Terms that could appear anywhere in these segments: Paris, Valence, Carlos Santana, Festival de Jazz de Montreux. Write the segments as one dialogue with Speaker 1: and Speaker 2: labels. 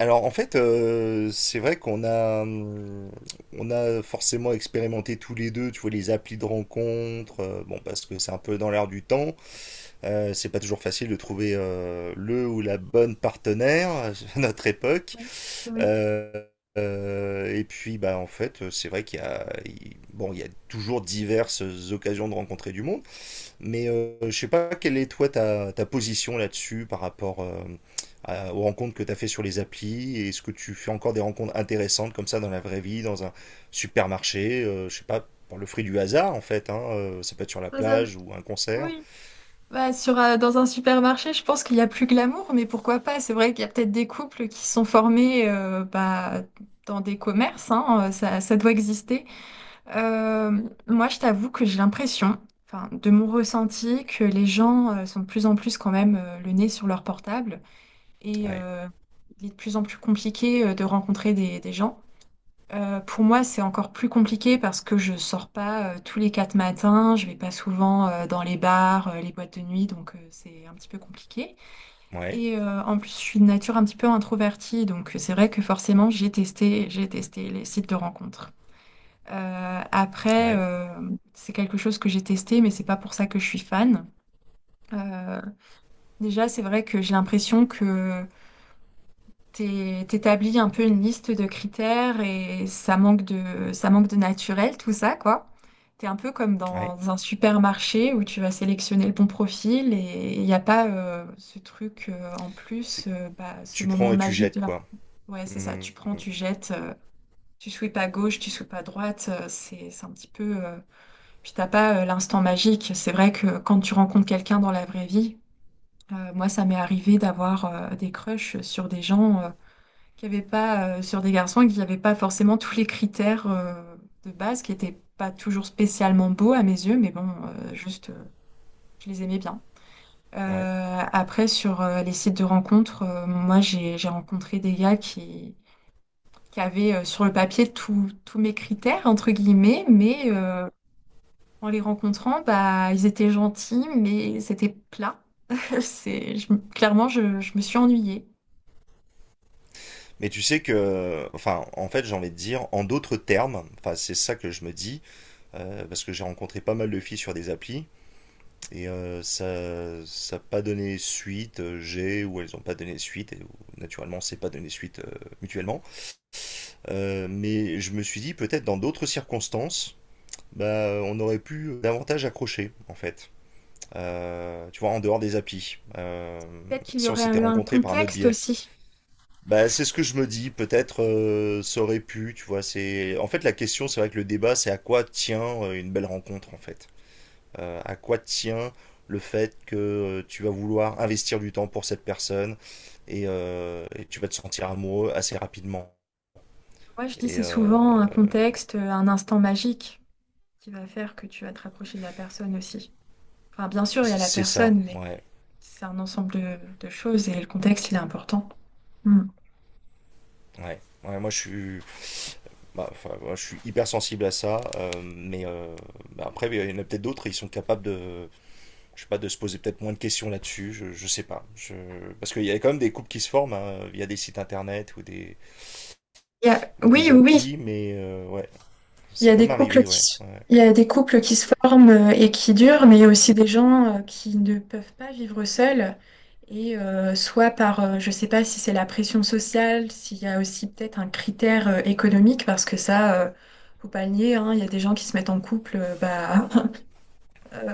Speaker 1: Alors en fait, c'est vrai qu'on a forcément expérimenté tous les deux, tu vois, les applis de rencontres, bon, parce que c'est un peu dans l'air du temps, c'est pas toujours facile de trouver le ou la bonne partenaire à notre époque.
Speaker 2: Oui. Oui.
Speaker 1: Euh, et puis, bah, en fait, c'est vrai qu'il y a, il- bon, il y a toujours diverses occasions de rencontrer du monde. Mais je sais pas quelle est toi ta position là-dessus par rapport aux rencontres que tu as fait sur les applis. Est-ce que tu fais encore des rencontres intéressantes comme ça dans la vraie vie, dans un supermarché, je sais pas, par le fruit du hasard en fait, hein, ça peut être sur la
Speaker 2: Dans un-
Speaker 1: plage ou un concert.
Speaker 2: oui. Bah, dans un supermarché, je pense qu'il y a plus glamour, mais pourquoi pas? C'est vrai qu'il y a peut-être des couples qui sont formés bah, dans des commerces, hein, ça doit exister. Euh, Moi, je t'avoue que j'ai l'impression, enfin, de mon ressenti, que les gens sont de plus en plus quand même le nez sur leur portable et
Speaker 1: Ouais,
Speaker 2: il est de plus en plus compliqué de rencontrer des gens. Pour moi, c'est encore plus compliqué parce que je sors pas tous les quatre matins, je vais pas souvent dans les bars, les boîtes de nuit, donc c'est un petit peu compliqué.
Speaker 1: ouais,
Speaker 2: Et en plus, je suis de nature un petit peu introvertie, donc c'est vrai que forcément, j'ai testé les sites de rencontres. Euh, après,
Speaker 1: ouais,
Speaker 2: euh, c'est quelque chose que j'ai testé, mais c'est pas pour ça que je suis fan. Euh, déjà, c'est vrai que j'ai l'impression que t'établis un peu une liste de critères et ça manque de naturel, tout ça, quoi. T'es un peu comme
Speaker 1: ouais.
Speaker 2: dans un supermarché où tu vas sélectionner le bon profil et il n'y a pas ce truc
Speaker 1: C'est-
Speaker 2: bah, ce
Speaker 1: Tu
Speaker 2: moment
Speaker 1: prends et tu
Speaker 2: magique
Speaker 1: jettes
Speaker 2: de la.
Speaker 1: quoi.
Speaker 2: Ouais, c'est ça,
Speaker 1: Hmm,
Speaker 2: tu prends, tu jettes, tu sweeps à gauche, tu sweeps à droite, c'est un petit peu. Puis t'as pas l'instant magique. C'est vrai que quand tu rencontres quelqu'un dans la vraie vie, moi ça m'est arrivé d'avoir des crushs sur des gens qu'il n'y avait pas sur des garçons, qu'il n'y avait pas forcément tous les critères de base qui n'étaient pas toujours spécialement beaux à mes yeux, mais bon, je les aimais bien.
Speaker 1: ouais.
Speaker 2: Après, sur les sites de rencontres, moi, j'ai rencontré des gars qui avaient sur le papier tous mes critères, entre guillemets, mais en les rencontrant, bah, ils étaient gentils, mais c'était plat. Clairement, je me suis ennuyée.
Speaker 1: Mais tu sais que, enfin, en fait, j'ai envie de dire, en d'autres termes, enfin, c'est ça que je me dis, parce que j'ai rencontré pas mal de filles sur des applis. Et ça n'a pas donné suite, ou elles n'ont pas donné suite, et naturellement c'est pas donné suite mutuellement. Mais je me suis dit peut-être dans d'autres circonstances, bah, on aurait pu davantage accrocher en fait. Tu vois, en dehors des applis.
Speaker 2: Peut-être qu'il y
Speaker 1: Si on
Speaker 2: aurait
Speaker 1: s'était
Speaker 2: eu un
Speaker 1: rencontrés par un autre
Speaker 2: contexte
Speaker 1: biais.
Speaker 2: aussi.
Speaker 1: Bah, c'est ce que je me dis, peut-être ça aurait pu, tu vois, c'est... En fait la question, c'est vrai que le débat, c'est à quoi tient une belle rencontre en fait, à quoi tient le fait que tu vas vouloir investir du temps pour cette personne et tu vas te sentir amoureux assez rapidement.
Speaker 2: Moi, je dis
Speaker 1: Et
Speaker 2: c'est souvent un contexte, un instant magique qui va faire que tu vas te rapprocher de la personne aussi. Enfin, bien sûr, il y a la
Speaker 1: c'est ça,
Speaker 2: personne, mais
Speaker 1: ouais,
Speaker 2: c'est un ensemble de choses et le contexte, il est important. Hmm.
Speaker 1: ouais. Ouais, moi je suis, bah, enfin, moi, je suis hyper sensible à ça, mais bah, après il y en a peut-être d'autres, ils sont capables de, je sais pas, de se poser peut-être moins de questions là-dessus, je sais pas, je... parce qu'il y a quand même des couples qui se forment hein, via des sites internet ou
Speaker 2: Oui,
Speaker 1: des
Speaker 2: oui, oui.
Speaker 1: applis, mais ouais,
Speaker 2: Il y
Speaker 1: c'est
Speaker 2: a des
Speaker 1: comme
Speaker 2: couples
Speaker 1: arrivé,
Speaker 2: qui
Speaker 1: ouais,
Speaker 2: se,
Speaker 1: ouais.
Speaker 2: il y a des couples qui se forment et qui durent, mais il y a aussi des gens qui ne peuvent pas vivre seuls. Et soit par, je ne sais pas si c'est la pression sociale, s'il y a aussi peut-être un critère économique, parce que ça, faut pas le nier, hein, il y a des gens qui se mettent en couple bah,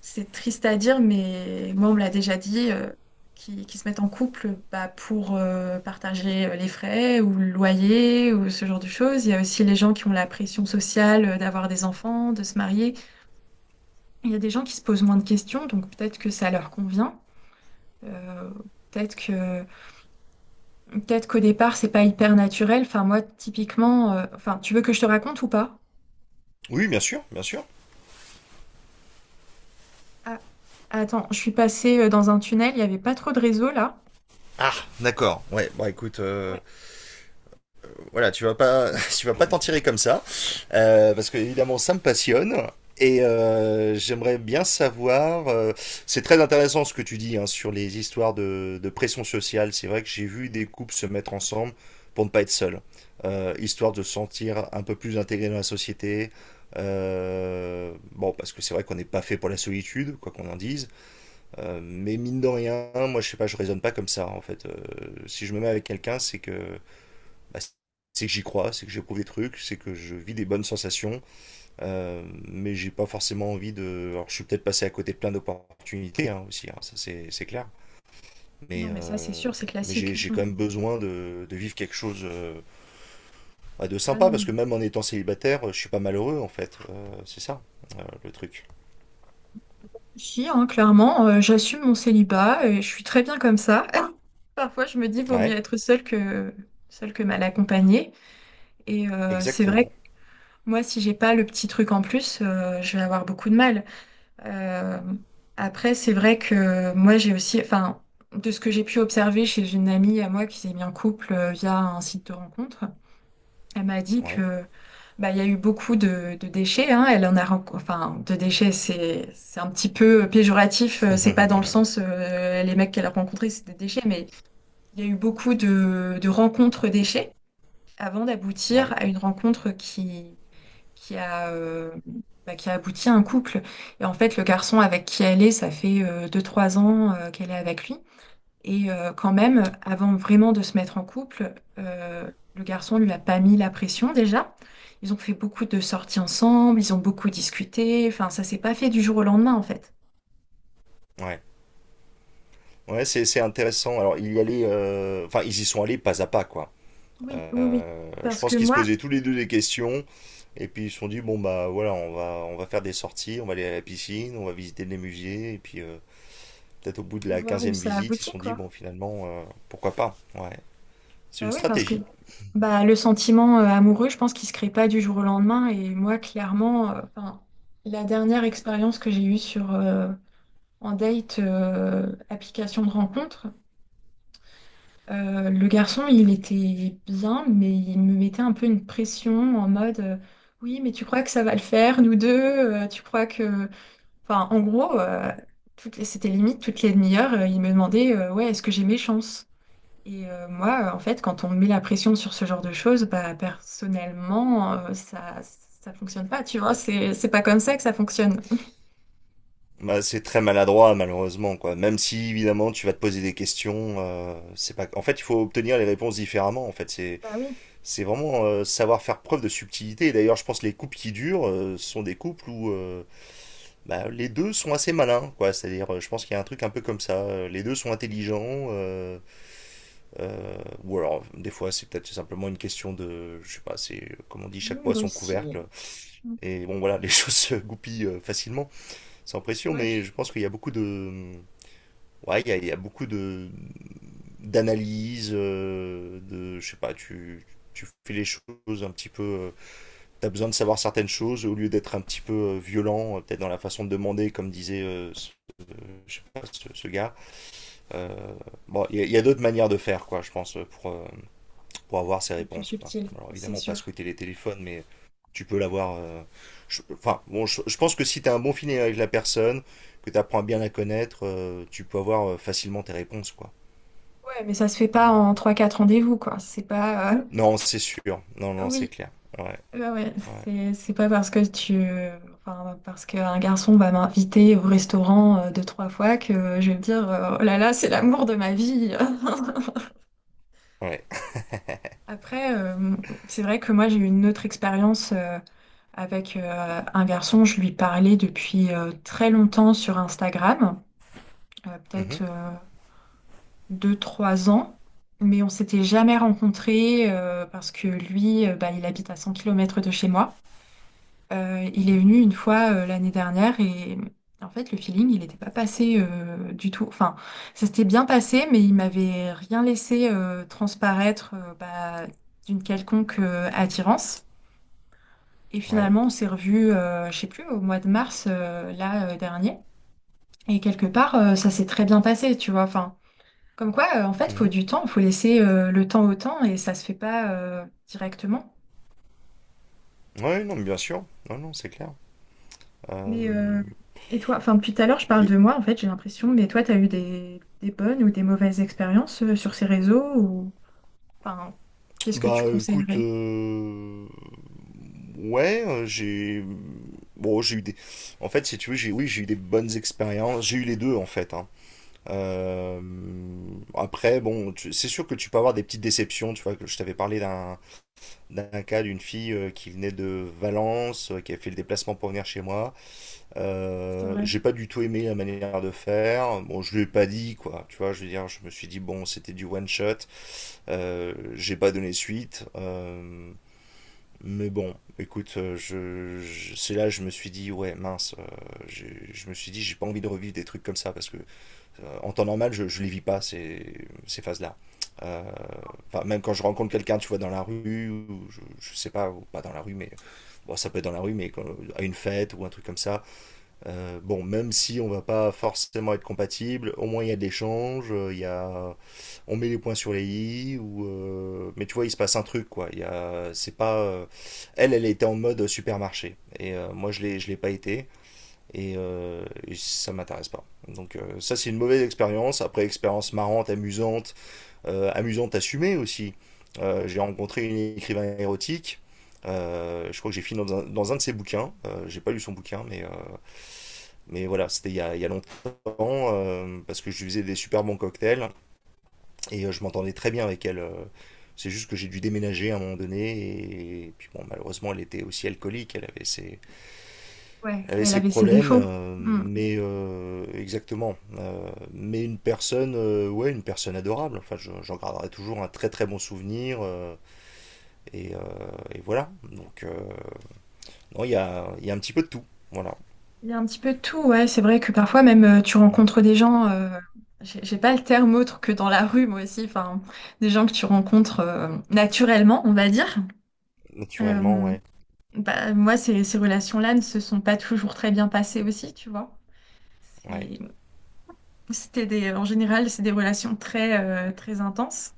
Speaker 2: C'est triste à dire, mais moi, on me l'a déjà dit, qui se mettent en couple bah, pour partager les frais ou le loyer ou ce genre de choses. Il y a aussi les gens qui ont la pression sociale d'avoir des enfants, de se marier. Il y a des gens qui se posent moins de questions, donc peut-être que ça leur convient. Euh, peut-être que, peut-être qu'au départ, c'est pas hyper naturel. Enfin, moi, typiquement, enfin, tu veux que je te raconte ou pas?
Speaker 1: Oui, bien sûr, bien sûr.
Speaker 2: Ah, attends, je suis passée dans un tunnel, il n'y avait pas trop de réseau là.
Speaker 1: Ah, d'accord. Ouais, bon écoute,
Speaker 2: Ouais.
Speaker 1: voilà, tu vas pas, tu vas pas t'en tirer comme ça, parce que évidemment ça me passionne. Et j'aimerais bien savoir, c'est très intéressant ce que tu dis hein, sur les histoires de pression sociale. C'est vrai que j'ai vu des couples se mettre ensemble pour ne pas être seuls, histoire de se sentir un peu plus intégré dans la société. Bon, parce que c'est vrai qu'on n'est pas fait pour la solitude, quoi qu'on en dise. Mais mine de rien, moi je sais pas, je raisonne pas comme ça en fait. Si je me mets avec quelqu'un, c'est que bah, c'est que j'y crois, c'est que j'éprouve des trucs, c'est que je vis des bonnes sensations, mais j'ai pas forcément envie de. Alors je suis peut-être passé à côté de plein d'opportunités hein, aussi, hein, ça c'est clair. Mais
Speaker 2: Non, mais ça, c'est
Speaker 1: euh,
Speaker 2: sûr, c'est
Speaker 1: mais
Speaker 2: classique.
Speaker 1: j'ai
Speaker 2: Mm.
Speaker 1: quand même besoin de vivre quelque chose bah, de
Speaker 2: Ah
Speaker 1: sympa
Speaker 2: non, mais
Speaker 1: parce que même en étant célibataire, je suis pas malheureux en fait. C'est ça le truc.
Speaker 2: si, hein, clairement, j'assume mon célibat et je suis très bien comme ça. Parfois, je me dis, vaut mieux
Speaker 1: Ouais,
Speaker 2: être seule que mal accompagnée. Et c'est vrai que
Speaker 1: exactement.
Speaker 2: moi, si j'ai pas le petit truc en plus, je vais avoir beaucoup de mal. Euh, c'est vrai que moi, j'ai aussi, enfin, de ce que j'ai pu observer chez une amie à moi qui s'est mis en couple via un site de rencontre. Elle m'a dit
Speaker 1: Ouais,
Speaker 2: que bah, il y a eu beaucoup de déchets, hein. Elle en a, ren- enfin, de déchets, c'est un petit peu péjoratif. C'est pas dans le sens les mecs qu'elle a rencontrés, c'est des déchets, mais il y a eu beaucoup de rencontres déchets avant d'aboutir
Speaker 1: ouais,
Speaker 2: à une rencontre qui qui a euh, qui a abouti à un couple. Et en fait, le garçon avec qui elle est, ça fait deux trois ans qu'elle est avec lui. Et quand même, avant vraiment de se mettre en couple, le garçon lui a pas mis la pression déjà. Ils ont fait beaucoup de sorties ensemble, ils ont beaucoup discuté. Enfin, ça s'est pas fait du jour au lendemain en fait.
Speaker 1: ouais. Ouais, c'est intéressant. Alors, il y allait, enfin, ils y sont allés pas à pas, quoi.
Speaker 2: Oui, oui, oui.
Speaker 1: Je
Speaker 2: Parce
Speaker 1: pense
Speaker 2: que
Speaker 1: qu'ils se
Speaker 2: moi,
Speaker 1: posaient tous les deux des questions, et puis ils se sont dit, bon, bah voilà, on va faire des sorties, on va aller à la piscine, on va visiter les musées, et puis peut-être au bout de
Speaker 2: je vais
Speaker 1: la
Speaker 2: voir où
Speaker 1: quinzième
Speaker 2: ça
Speaker 1: visite, ils se
Speaker 2: aboutit,
Speaker 1: sont dit,
Speaker 2: quoi.
Speaker 1: bon, finalement, pourquoi pas? Ouais, c'est
Speaker 2: Bah
Speaker 1: une
Speaker 2: oui, parce que
Speaker 1: stratégie.
Speaker 2: bah, le sentiment amoureux, je pense qu'il se crée pas du jour au lendemain. Et moi, clairement, enfin, la dernière expérience que j'ai eue sur en date application de rencontre, le garçon, il était bien, mais il me mettait un peu une pression en mode oui, mais tu crois que ça va le faire, nous deux? Tu crois que. Enfin, en gros, c'était limite toutes les demi-heures, il me demandait ouais, est-ce que j'ai mes chances? Et moi, en fait, quand on me met la pression sur ce genre de choses, bah, personnellement, ça fonctionne pas, tu vois, c'est pas comme ça que ça fonctionne.
Speaker 1: Bah, c'est très maladroit, malheureusement, quoi. Même si, évidemment, tu vas te poser des questions, c'est pas... En fait, il faut obtenir les réponses différemment, en fait. C'est
Speaker 2: Bah oui,
Speaker 1: C'est vraiment savoir faire preuve de subtilité. Et d'ailleurs, je pense que les couples qui durent sont des couples où bah, les deux sont assez malins, quoi. C'est-à-dire, je pense qu'il y a un truc un peu comme ça. Les deux sont intelligents, euh, ou alors des fois c'est peut-être simplement une question de, je sais pas, c'est comme on dit, chaque
Speaker 2: moi
Speaker 1: poids son
Speaker 2: aussi.
Speaker 1: couvercle. Et bon, voilà, les choses se goupillent facilement, sans pression. Mais
Speaker 2: Ouais,
Speaker 1: je pense qu'il y a beaucoup de, ouais, il y a beaucoup de d'analyse, de, je sais pas, tu fais les choses un petit peu. T'as besoin de savoir certaines choses au lieu d'être un petit peu violent, peut-être dans la façon de demander, comme disait euh, je sais pas, ce gars. Euh, bon, y a d'autres manières de faire, quoi, je pense, pour avoir ces
Speaker 2: le plus
Speaker 1: réponses, quoi.
Speaker 2: subtil,
Speaker 1: Alors
Speaker 2: c'est
Speaker 1: évidemment, pas
Speaker 2: sûr.
Speaker 1: squatter les téléphones, mais tu peux l'avoir. Enfin, bon, je pense que si t'as un bon feeling avec la personne, que t'apprends à bien la connaître, tu peux avoir facilement tes réponses, quoi.
Speaker 2: Ouais, mais ça se fait pas
Speaker 1: Mais,
Speaker 2: en trois quatre rendez-vous, quoi. C'est pas.
Speaker 1: non, c'est sûr. Non, non, c'est
Speaker 2: Oui,
Speaker 1: clair. Ouais,
Speaker 2: ouais, ouais.
Speaker 1: ouais,
Speaker 2: C'est pas parce que tu. Enfin, parce qu'un garçon va m'inviter au restaurant deux, trois fois que je vais me dire, oh là là, c'est l'amour de ma vie.
Speaker 1: ouais.
Speaker 2: Après, c'est vrai que moi, j'ai eu une autre expérience avec un garçon. Je lui parlais depuis très longtemps sur Instagram. Euh,
Speaker 1: Mhm,
Speaker 2: peut-être. euh, deux, trois ans, mais on s'était jamais rencontrés parce que lui, bah, il habite à 100 km de chez moi. Il est
Speaker 1: mhm,
Speaker 2: venu une fois l'année dernière et en fait, le feeling, il n'était pas passé du tout. Enfin, ça s'était bien passé, mais il m'avait rien laissé transparaître d'une quelconque attirance. Et
Speaker 1: ouais.
Speaker 2: finalement, on s'est revus, je sais plus, au mois de mars là dernier. Et quelque part, ça s'est très bien passé, tu vois. Enfin, comme quoi, en fait, il faut
Speaker 1: Mhm.
Speaker 2: du temps, il faut laisser le temps au temps et ça se fait pas directement.
Speaker 1: Ouais, non, mais bien sûr. Non, non, c'est clair. Euh,
Speaker 2: Mais et toi, enfin depuis tout à l'heure, je parle
Speaker 1: mais-
Speaker 2: de moi, en fait, j'ai l'impression, mais toi, tu as eu des bonnes ou des mauvaises expériences sur ces réseaux ou enfin, qu'est-ce que tu
Speaker 1: Bah, écoute,
Speaker 2: conseillerais?
Speaker 1: ouais, bon, en fait, si tu veux, oui, j'ai eu des bonnes expériences. J'ai eu les deux, en fait. Hein. Euh, Après, bon, c'est sûr que tu peux avoir des petites déceptions. Tu vois, que je t'avais parlé d'un d'un cas d'une fille qui venait de Valence, qui a fait le déplacement pour venir chez moi.
Speaker 2: C'est vrai.
Speaker 1: J'ai pas du tout aimé la manière de faire. Bon, je lui ai pas dit, quoi. Tu vois, je veux dire, je me suis dit, bon, c'était du one shot. J'ai pas donné suite. Mais bon, écoute, c'est là que je me suis dit, ouais, mince, je me suis dit, j'ai pas envie de revivre des trucs comme ça parce que en temps normal, je les vis pas ces phases-là. Euh, Enfin, même quand je rencontre quelqu'un, tu vois, dans la rue, ou je sais pas, ou pas dans la rue, mais bon, ça peut être dans la rue, mais à une fête ou un truc comme ça. Bon, même si on va pas forcément être compatible, au moins il y a de l'échange, il y a, on met les points sur les i ou mais tu vois, il se passe un truc, quoi. Il y a, c'est pas elle était en mode supermarché, et moi je l'ai pas été, et ça m'intéresse pas. Donc ça c'est une mauvaise expérience. Après, expérience marrante, amusante, amusante assumée aussi. J'ai rencontré une écrivain érotique. Je crois que j'ai fini dans un de ses bouquins. J'ai pas lu son bouquin, mais voilà, c'était il y a longtemps parce que je lui faisais des super bons cocktails et je m'entendais très bien avec elle. C'est juste que j'ai dû déménager à un moment donné et puis, bon, malheureusement elle était aussi alcoolique,
Speaker 2: Ouais,
Speaker 1: elle avait
Speaker 2: mais elle
Speaker 1: ses
Speaker 2: avait ses
Speaker 1: problèmes,
Speaker 2: défauts.
Speaker 1: euh,
Speaker 2: Hmm.
Speaker 1: mais euh, exactement. Mais une personne, ouais, une personne adorable. Enfin, j'en garderai toujours un très très bon souvenir, et, euh, et voilà. Donc non, il y a un petit peu de tout, voilà.
Speaker 2: Il y a un petit peu de tout, ouais. C'est vrai que parfois même tu
Speaker 1: Mm.
Speaker 2: rencontres des gens, j'ai pas le terme autre que dans la rue, moi aussi, enfin, des gens que tu rencontres naturellement, on va dire.
Speaker 1: Naturellement,
Speaker 2: Euh,
Speaker 1: ouais,
Speaker 2: Bah, moi, ces relations-là ne se sont pas toujours très bien passées aussi, tu vois.
Speaker 1: ouais,
Speaker 2: C'est- C'était des, en général, c'est des relations très, très intenses,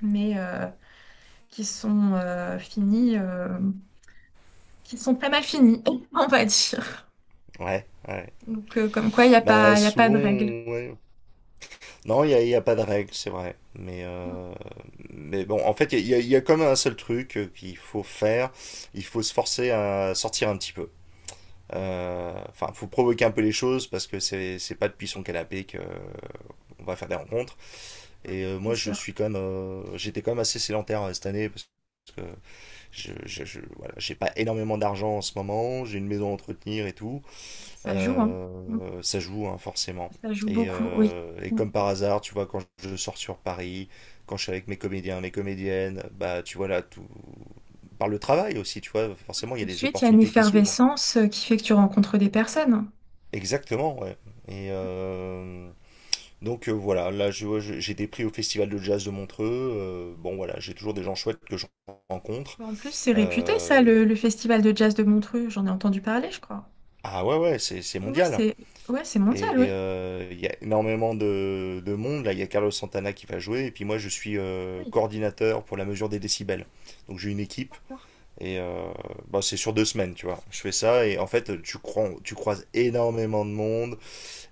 Speaker 2: mais qui sont finies, qui sont pas mal finies, on va dire.
Speaker 1: ouais, ouais.
Speaker 2: Donc, comme quoi, il n'y a
Speaker 1: Bah
Speaker 2: pas, il a pas
Speaker 1: souvent,
Speaker 2: de règle.
Speaker 1: ouais, non, il y a pas de règle, c'est vrai. Mais bon, en fait, comme un seul truc qu'il faut faire. Il faut se forcer à sortir un petit peu. Enfin, il faut provoquer un peu les choses parce que c'est pas depuis son canapé que on va faire des rencontres. Et
Speaker 2: C'est
Speaker 1: moi, je
Speaker 2: sûr.
Speaker 1: suis quand même, j'étais quand même assez sédentaire cette année parce que voilà, j'ai pas énormément d'argent en ce moment. J'ai une maison à entretenir et tout.
Speaker 2: Ça joue, hein.
Speaker 1: Ça joue, hein, forcément.
Speaker 2: Ça joue
Speaker 1: Et,
Speaker 2: beaucoup, oui.
Speaker 1: euh, et
Speaker 2: Tout
Speaker 1: comme par hasard, tu vois, quand je sors sur Paris, quand je suis avec mes comédiens, mes comédiennes, bah tu vois là, tout... par le travail aussi, tu vois, forcément, il y a
Speaker 2: de
Speaker 1: des
Speaker 2: suite, il y a une
Speaker 1: opportunités qui s'ouvrent.
Speaker 2: effervescence qui fait que tu rencontres des personnes.
Speaker 1: Exactement, ouais. Et euh, donc voilà, là, j'ai des prix au Festival de Jazz de Montreux. Bon, voilà, j'ai toujours des gens chouettes que je rencontre.
Speaker 2: En plus, c'est réputé, ça,
Speaker 1: Euh,
Speaker 2: le festival de jazz de Montreux. J'en ai entendu parler, je crois.
Speaker 1: ah ouais, ouais, c'est
Speaker 2: Oui, oui,
Speaker 1: mondial.
Speaker 2: c'est ouais, c'est mondial,
Speaker 1: Et
Speaker 2: oui.
Speaker 1: il y a énormément de monde. Là, il y a Carlos Santana qui va jouer. Et puis moi, je suis
Speaker 2: Oui,
Speaker 1: coordinateur pour la mesure des décibels. Donc j'ai une équipe.
Speaker 2: d'accord.
Speaker 1: Et bah, c'est sur deux semaines, tu vois. Je fais ça et en fait, tu croises énormément de monde.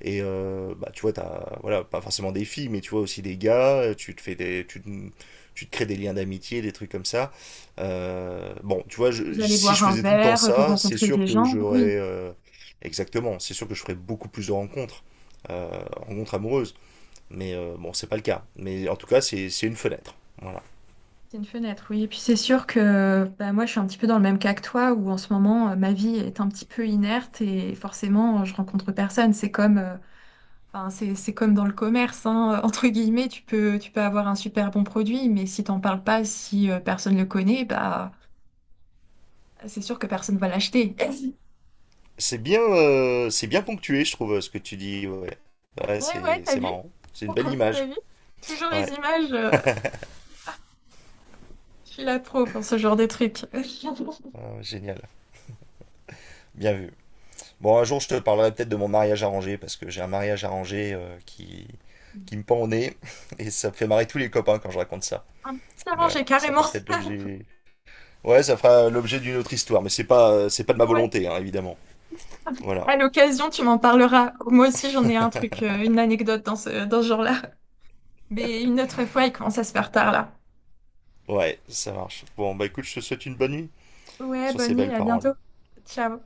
Speaker 1: Et bah, tu vois, t'as, voilà, pas forcément des filles, mais tu vois aussi des gars, tu te crées des liens d'amitié, des trucs comme ça. Bon, tu vois,
Speaker 2: Vous allez
Speaker 1: si je
Speaker 2: boire un
Speaker 1: faisais tout le temps
Speaker 2: verre, vous
Speaker 1: ça, c'est
Speaker 2: rencontrez
Speaker 1: sûr
Speaker 2: des
Speaker 1: que
Speaker 2: gens. Oui,
Speaker 1: j'aurais, exactement, c'est sûr que je ferais beaucoup plus de rencontres, euh, rencontres amoureuses. Mais bon, c'est pas le cas. Mais en tout cas, c'est une fenêtre. Voilà.
Speaker 2: c'est une fenêtre, oui. Et puis c'est sûr que bah, moi, je suis un petit peu dans le même cas que toi, où en ce moment, ma vie est un petit peu inerte et forcément, je rencontre personne. C'est comme dans le commerce, hein, entre guillemets, tu peux avoir un super bon produit, mais si t'en parles pas, si personne le connaît, bah, c'est sûr que personne va l'acheter.
Speaker 1: C'est bien ponctué, je trouve, ce que tu dis. Ouais, ouais,
Speaker 2: Ouais, ouais,
Speaker 1: c'est,
Speaker 2: t'as
Speaker 1: c'est
Speaker 2: vu?
Speaker 1: marrant. C'est une belle
Speaker 2: T'as
Speaker 1: image.
Speaker 2: vu? Toujours
Speaker 1: Ouais,
Speaker 2: les images. Je suis là trop pour ce genre de truc. Un
Speaker 1: ah, génial. Bien vu. Bon, un jour, je te parlerai peut-être de mon mariage arrangé, parce que j'ai un mariage arrangé qui me pend au nez, et ça me fait marrer tous les copains quand je raconte ça.
Speaker 2: petit
Speaker 1: Mais
Speaker 2: arrangé,
Speaker 1: voilà, ça
Speaker 2: carrément.
Speaker 1: fera peut-être l'objet. Ouais, ça fera l'objet d'une autre histoire, mais c'est pas de ma
Speaker 2: Ouais.
Speaker 1: volonté, hein, évidemment. Voilà,
Speaker 2: À l'occasion, tu m'en parleras. Moi aussi, j'en ai un truc, une anecdote dans dans ce genre-là. Mais une autre fois, il commence à se faire tard là.
Speaker 1: ouais, ça marche. Bon, bah écoute, je te souhaite une bonne nuit
Speaker 2: Ouais,
Speaker 1: sur
Speaker 2: bonne
Speaker 1: ces
Speaker 2: nuit,
Speaker 1: belles
Speaker 2: à
Speaker 1: paroles.
Speaker 2: bientôt. Ciao.